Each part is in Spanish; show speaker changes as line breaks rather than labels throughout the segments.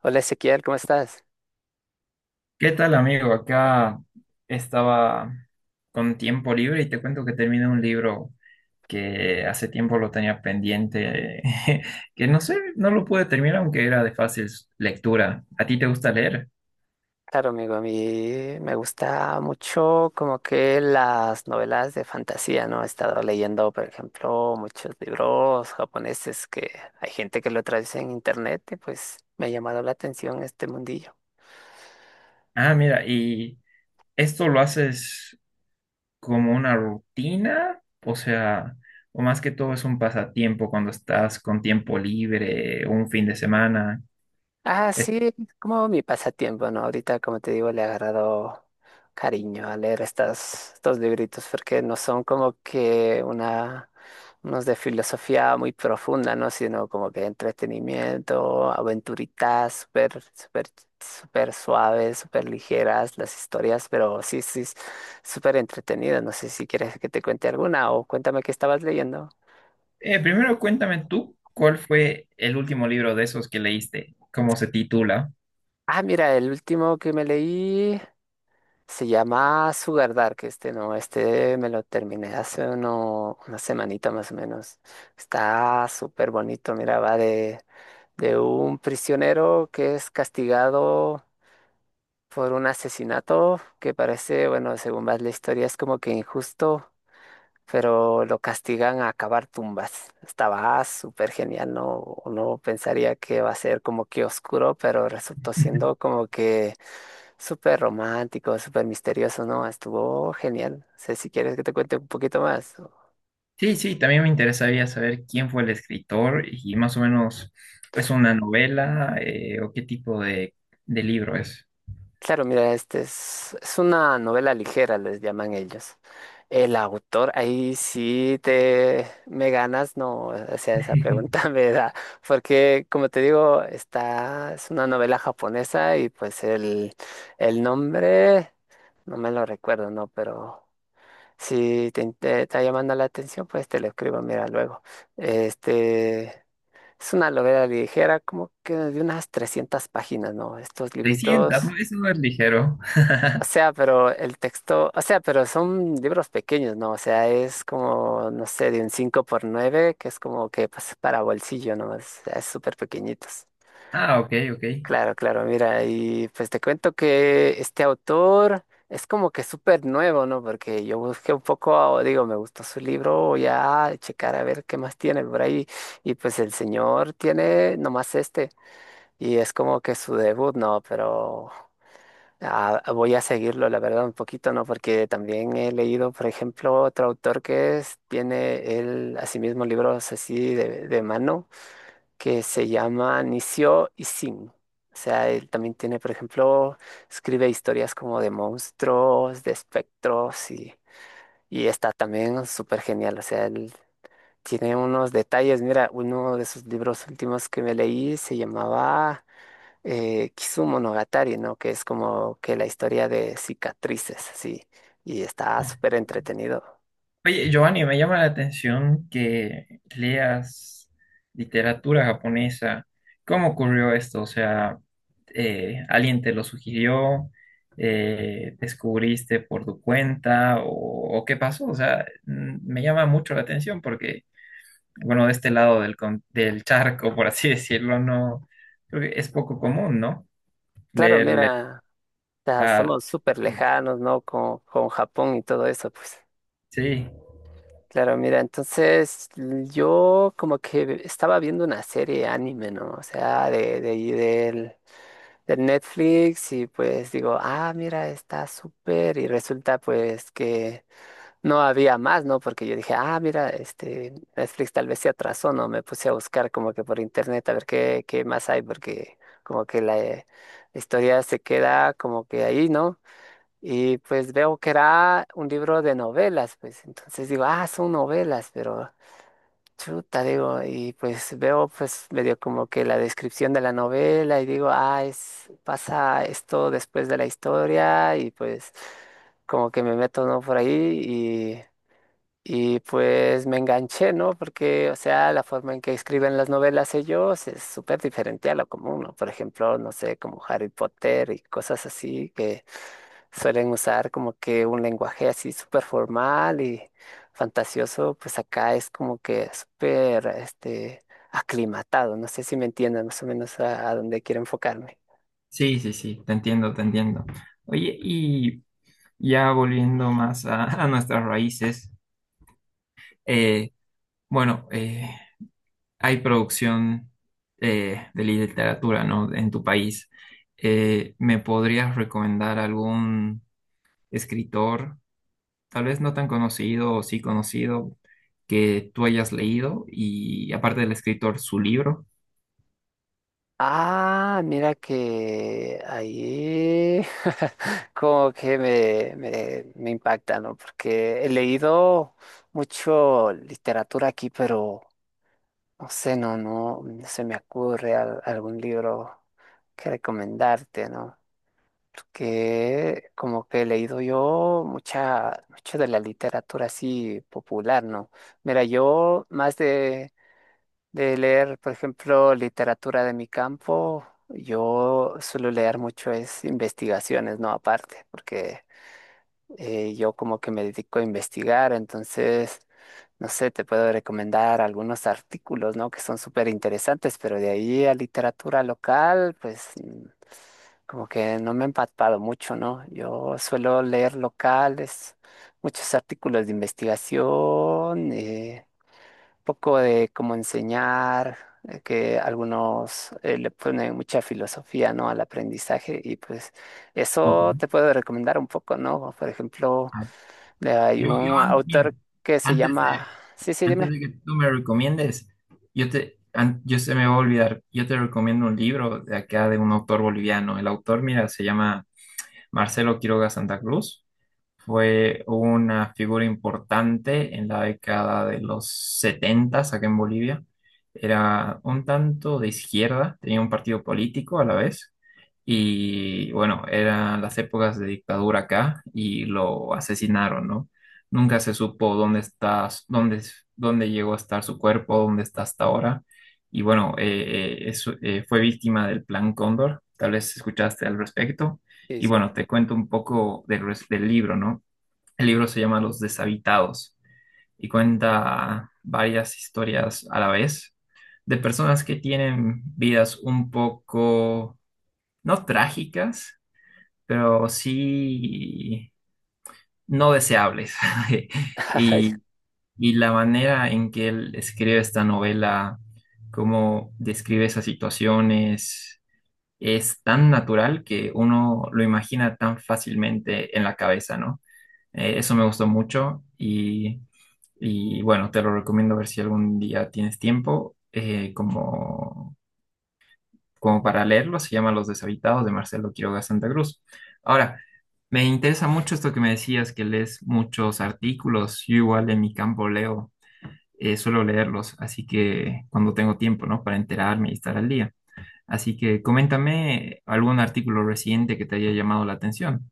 Hola Ezequiel, ¿cómo estás?
¿Qué tal, amigo? Acá estaba con tiempo libre y te cuento que terminé un libro que hace tiempo lo tenía pendiente, que no sé, no lo pude terminar aunque era de fácil lectura. ¿A ti te gusta leer?
Claro, amigo, a mí me gusta mucho como que las novelas de fantasía, ¿no? He estado leyendo, por ejemplo, muchos libros japoneses que hay gente que lo traduce en internet y pues me ha llamado la atención este mundillo.
Ah, mira, ¿y esto lo haces como una rutina? O sea, o más que todo es un pasatiempo cuando estás con tiempo libre, un fin de semana.
Ah, sí, es como mi pasatiempo, ¿no? Ahorita, como te digo, le he agarrado cariño a leer estos libritos, porque no son como que unos de filosofía muy profunda, ¿no? Sino como que entretenimiento, aventuritas, súper, súper, súper suaves, súper ligeras las historias, pero sí, sí, es súper entretenidas. No sé si quieres que te cuente alguna o cuéntame qué estabas leyendo.
Primero cuéntame tú, ¿cuál fue el último libro de esos que leíste? ¿Cómo se titula?
Ah, mira, el último que me leí. Se llama Sugar Dark este, ¿no? Este me lo terminé hace una semanita más o menos. Está súper bonito, mira, va de un prisionero que es castigado por un asesinato que parece, bueno, según va la historia, es como que injusto, pero lo castigan a cavar tumbas. Estaba súper genial, no, uno pensaría que va a ser como que oscuro, pero resultó siendo como que súper romántico, súper misterioso, ¿no? Estuvo genial. No sé si quieres que te cuente un poquito más.
Sí, sí, también me interesaría saber quién fue el escritor y más o menos es una novela o qué tipo de libro es.
Claro, mira, este es una novela ligera, les llaman ellos. El autor, ahí sí te me ganas, no, o sea, esa pregunta me da, porque como te digo, es una novela japonesa y pues el nombre, no me lo recuerdo, no, pero si te está llamando la atención, pues te lo escribo, mira, luego. Este, es una novela ligera, como que de unas 300 páginas, ¿no? Estos
300,
libritos.
¿no? Eso no es ligero.
O sea, pero el texto, o sea, pero son libros pequeños, ¿no? O sea, es como, no sé, de un 5 por 9, que es como que pues, para bolsillo, ¿no? O sea, es súper pequeñitos.
Ah, ok, ok.
Claro, claro, mira, y pues te cuento que este autor es como que súper nuevo, ¿no? Porque yo busqué un poco, digo, me gustó su libro, voy a checar a ver qué más tiene por ahí. Y pues el señor tiene nomás este, y es como que su debut, ¿no? Pero voy a seguirlo, la verdad, un poquito, ¿no? Porque también he leído, por ejemplo, otro autor que tiene él asimismo libros así de mano, que se llama Nisio Isin. O sea, él también tiene, por ejemplo, escribe historias como de monstruos, de espectros y está también súper genial. O sea, él tiene unos detalles. Mira, uno de sus libros últimos que me leí se llamaba Kisumonogatari, ¿no? Que es como que la historia de cicatrices, sí, y está súper entretenido.
Oye, Giovanni, me llama la atención que leas literatura japonesa. ¿Cómo ocurrió esto? O sea, ¿alguien te lo sugirió? ¿Descubriste por tu cuenta? O qué pasó? O sea, me llama mucho la atención porque, bueno, de este lado del charco, por así decirlo, no, creo que es poco común, ¿no?
Claro,
Leer.
mira, ya
Ah,
estamos súper lejanos, ¿no? Con Japón y todo eso, pues.
Sí,
Claro, mira, entonces yo como que estaba viendo una serie anime, ¿no? O sea, ahí del Netflix, y pues digo, ah, mira, está súper y resulta pues que no había más, ¿no? Porque yo dije, ah, mira, este, Netflix tal vez se atrasó, ¿no? Me puse a buscar como que por internet a ver qué más hay, porque como que la historia se queda como que ahí, ¿no? Y pues veo que era un libro de novelas, pues entonces digo, ah, son novelas, pero chuta, digo, y pues veo pues medio como que la descripción de la novela y digo, ah, es, pasa esto después de la historia y pues como que me meto, ¿no? Por ahí, y pues me enganché, ¿no? Porque, o sea, la forma en que escriben las novelas ellos es súper diferente a lo común, ¿no? Por ejemplo, no sé, como Harry Potter y cosas así, que suelen usar como que un lenguaje así súper formal y fantasioso, pues acá es como que súper, este, aclimatado. No sé si me entienden más o menos a dónde quiero enfocarme.
sí, sí, te entiendo, te entiendo. Oye, y... Ya volviendo más a, a nuestras raíces, eh, bueno, eh, hay producción de literatura, ¿no? En tu país. ¿Me podrías recomendar algún escritor, tal vez no tan conocido o sí conocido, que tú hayas leído y aparte del escritor, su libro?
Ah, mira que ahí como que me impacta, ¿no? Porque he leído mucho literatura aquí, pero no sé, no, no se me ocurre algún libro que recomendarte, ¿no? Porque como que he leído yo mucho de la literatura así popular, ¿no? Mira, yo más de leer, por ejemplo, literatura de mi campo, yo suelo leer mucho es investigaciones, ¿no? Aparte, porque yo como que me dedico a investigar, entonces, no sé, te puedo recomendar algunos artículos, ¿no? Que son súper interesantes, pero de ahí a literatura local, pues como que no me he empapado mucho, ¿no? Yo suelo leer locales, muchos artículos de investigación. Poco de cómo enseñar, que algunos le ponen mucha filosofía, ¿no?, al aprendizaje, y pues
Ok.
eso te puedo recomendar un poco, ¿no? Por ejemplo,
Ah,
hay un autor
Miren,
que se
antes
llama...
de,
Sí, sí,
antes
dime.
de que tú me recomiendes, yo se me va a olvidar, yo te recomiendo un libro de acá de un autor boliviano. El autor, mira, se llama Marcelo Quiroga Santa Cruz. Fue una figura importante en la década de los 70, acá en Bolivia. Era un tanto de izquierda, tenía un partido político a la vez. Y bueno, eran las épocas de dictadura acá y lo asesinaron, ¿no? Nunca se supo dónde está, dónde, dónde llegó a estar su cuerpo, dónde está hasta ahora. Y bueno, fue víctima del Plan Cóndor. Tal vez escuchaste al respecto.
Sí,
Y
sí.
bueno, te cuento un poco del libro, ¿no? El libro se llama Los Deshabitados y cuenta varias historias a la vez de personas que tienen vidas un poco, no trágicas, pero sí no deseables.
Ay,
Y, y la manera en que él escribe esta novela, cómo describe esas situaciones, es tan natural que uno lo imagina tan fácilmente en la cabeza, ¿no? Eso me gustó mucho y, bueno, te lo recomiendo a ver si algún día tienes tiempo como, como para leerlo. Se llama Los Deshabitados de Marcelo Quiroga Santa Cruz. Ahora, me interesa mucho esto que me decías, que lees muchos artículos. Yo igual en mi campo leo, suelo leerlos, así que cuando tengo tiempo, ¿no? Para enterarme y estar al día. Así que coméntame algún artículo reciente que te haya llamado la atención.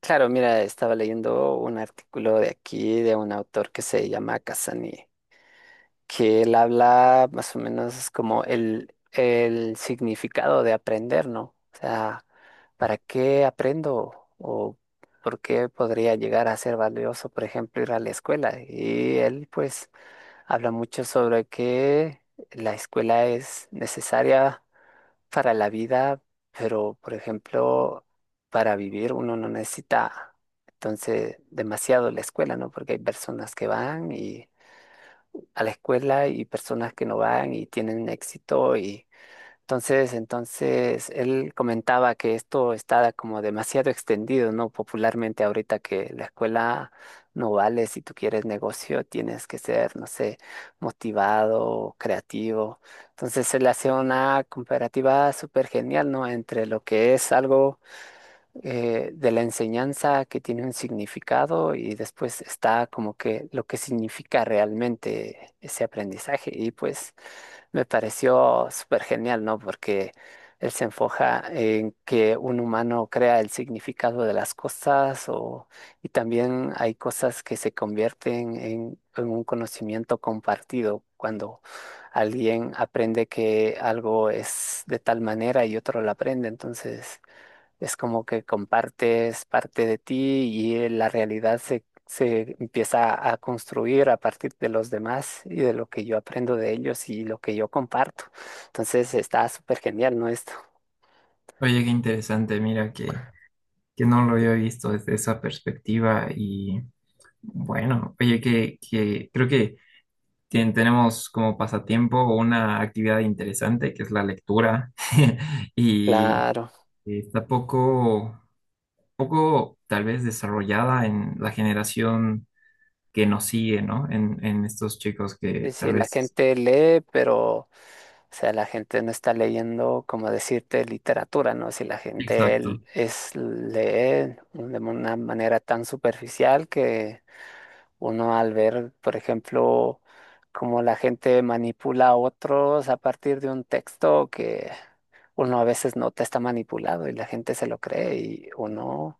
claro, mira, estaba leyendo un artículo de aquí de un autor que se llama Casani, que él habla más o menos como el significado de aprender, ¿no? O sea, ¿para qué aprendo? ¿O por qué podría llegar a ser valioso, por ejemplo, ir a la escuela? Y él pues habla mucho sobre que la escuela es necesaria para la vida, pero por ejemplo, para vivir uno no necesita entonces demasiado la escuela, ¿no? Porque hay personas que van y a la escuela y personas que no van y tienen éxito, y entonces él comentaba que esto está como demasiado extendido, ¿no? Popularmente ahorita que la escuela no vale, si tú quieres negocio tienes que ser, no sé, motivado, creativo. Entonces él hace una comparativa súper genial, ¿no? Entre lo que es algo de la enseñanza que tiene un significado y después está como que lo que significa realmente ese aprendizaje. Y pues me pareció súper genial, ¿no? Porque él se enfoca en que un humano crea el significado de las cosas, o, y también hay cosas que se convierten en un conocimiento compartido cuando alguien aprende que algo es de tal manera y otro lo aprende. Entonces... Es como que compartes parte de ti y la realidad se empieza a construir a partir de los demás y de lo que yo aprendo de ellos y lo que yo comparto. Entonces está súper genial, ¿no? Esto.
Oye, qué interesante, mira que no lo había visto desde esa perspectiva y bueno, oye, que creo que tenemos como pasatiempo una actividad interesante que es la lectura y
Claro.
está poco, poco tal vez desarrollada en la generación que nos sigue, ¿no? En estos chicos
Sí,
que
sí,
tal
la
vez...
gente lee, pero, o sea, la gente no está leyendo, como decirte, literatura, ¿no? Si la gente
Exacto.
lee de una manera tan superficial que uno al ver, por ejemplo, cómo la gente manipula a otros a partir de un texto que uno a veces nota está manipulado y la gente se lo cree, y uno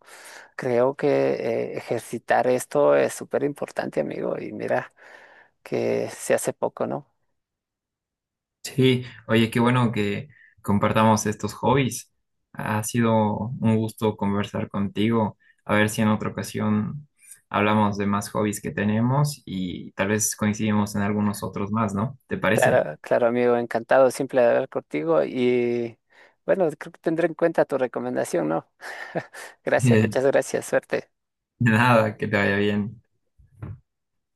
creo que ejercitar esto es súper importante, amigo. Y mira que se hace poco, ¿no?
Sí, oye, qué bueno que compartamos estos hobbies. Ha sido un gusto conversar contigo. A ver si en otra ocasión hablamos de más hobbies que tenemos y tal vez coincidimos en algunos otros más, ¿no? ¿Te parece?
Claro, amigo, encantado siempre de hablar contigo y bueno, creo que tendré en cuenta tu recomendación, ¿no? Gracias,
De
muchas gracias, suerte.
nada, que te vaya bien.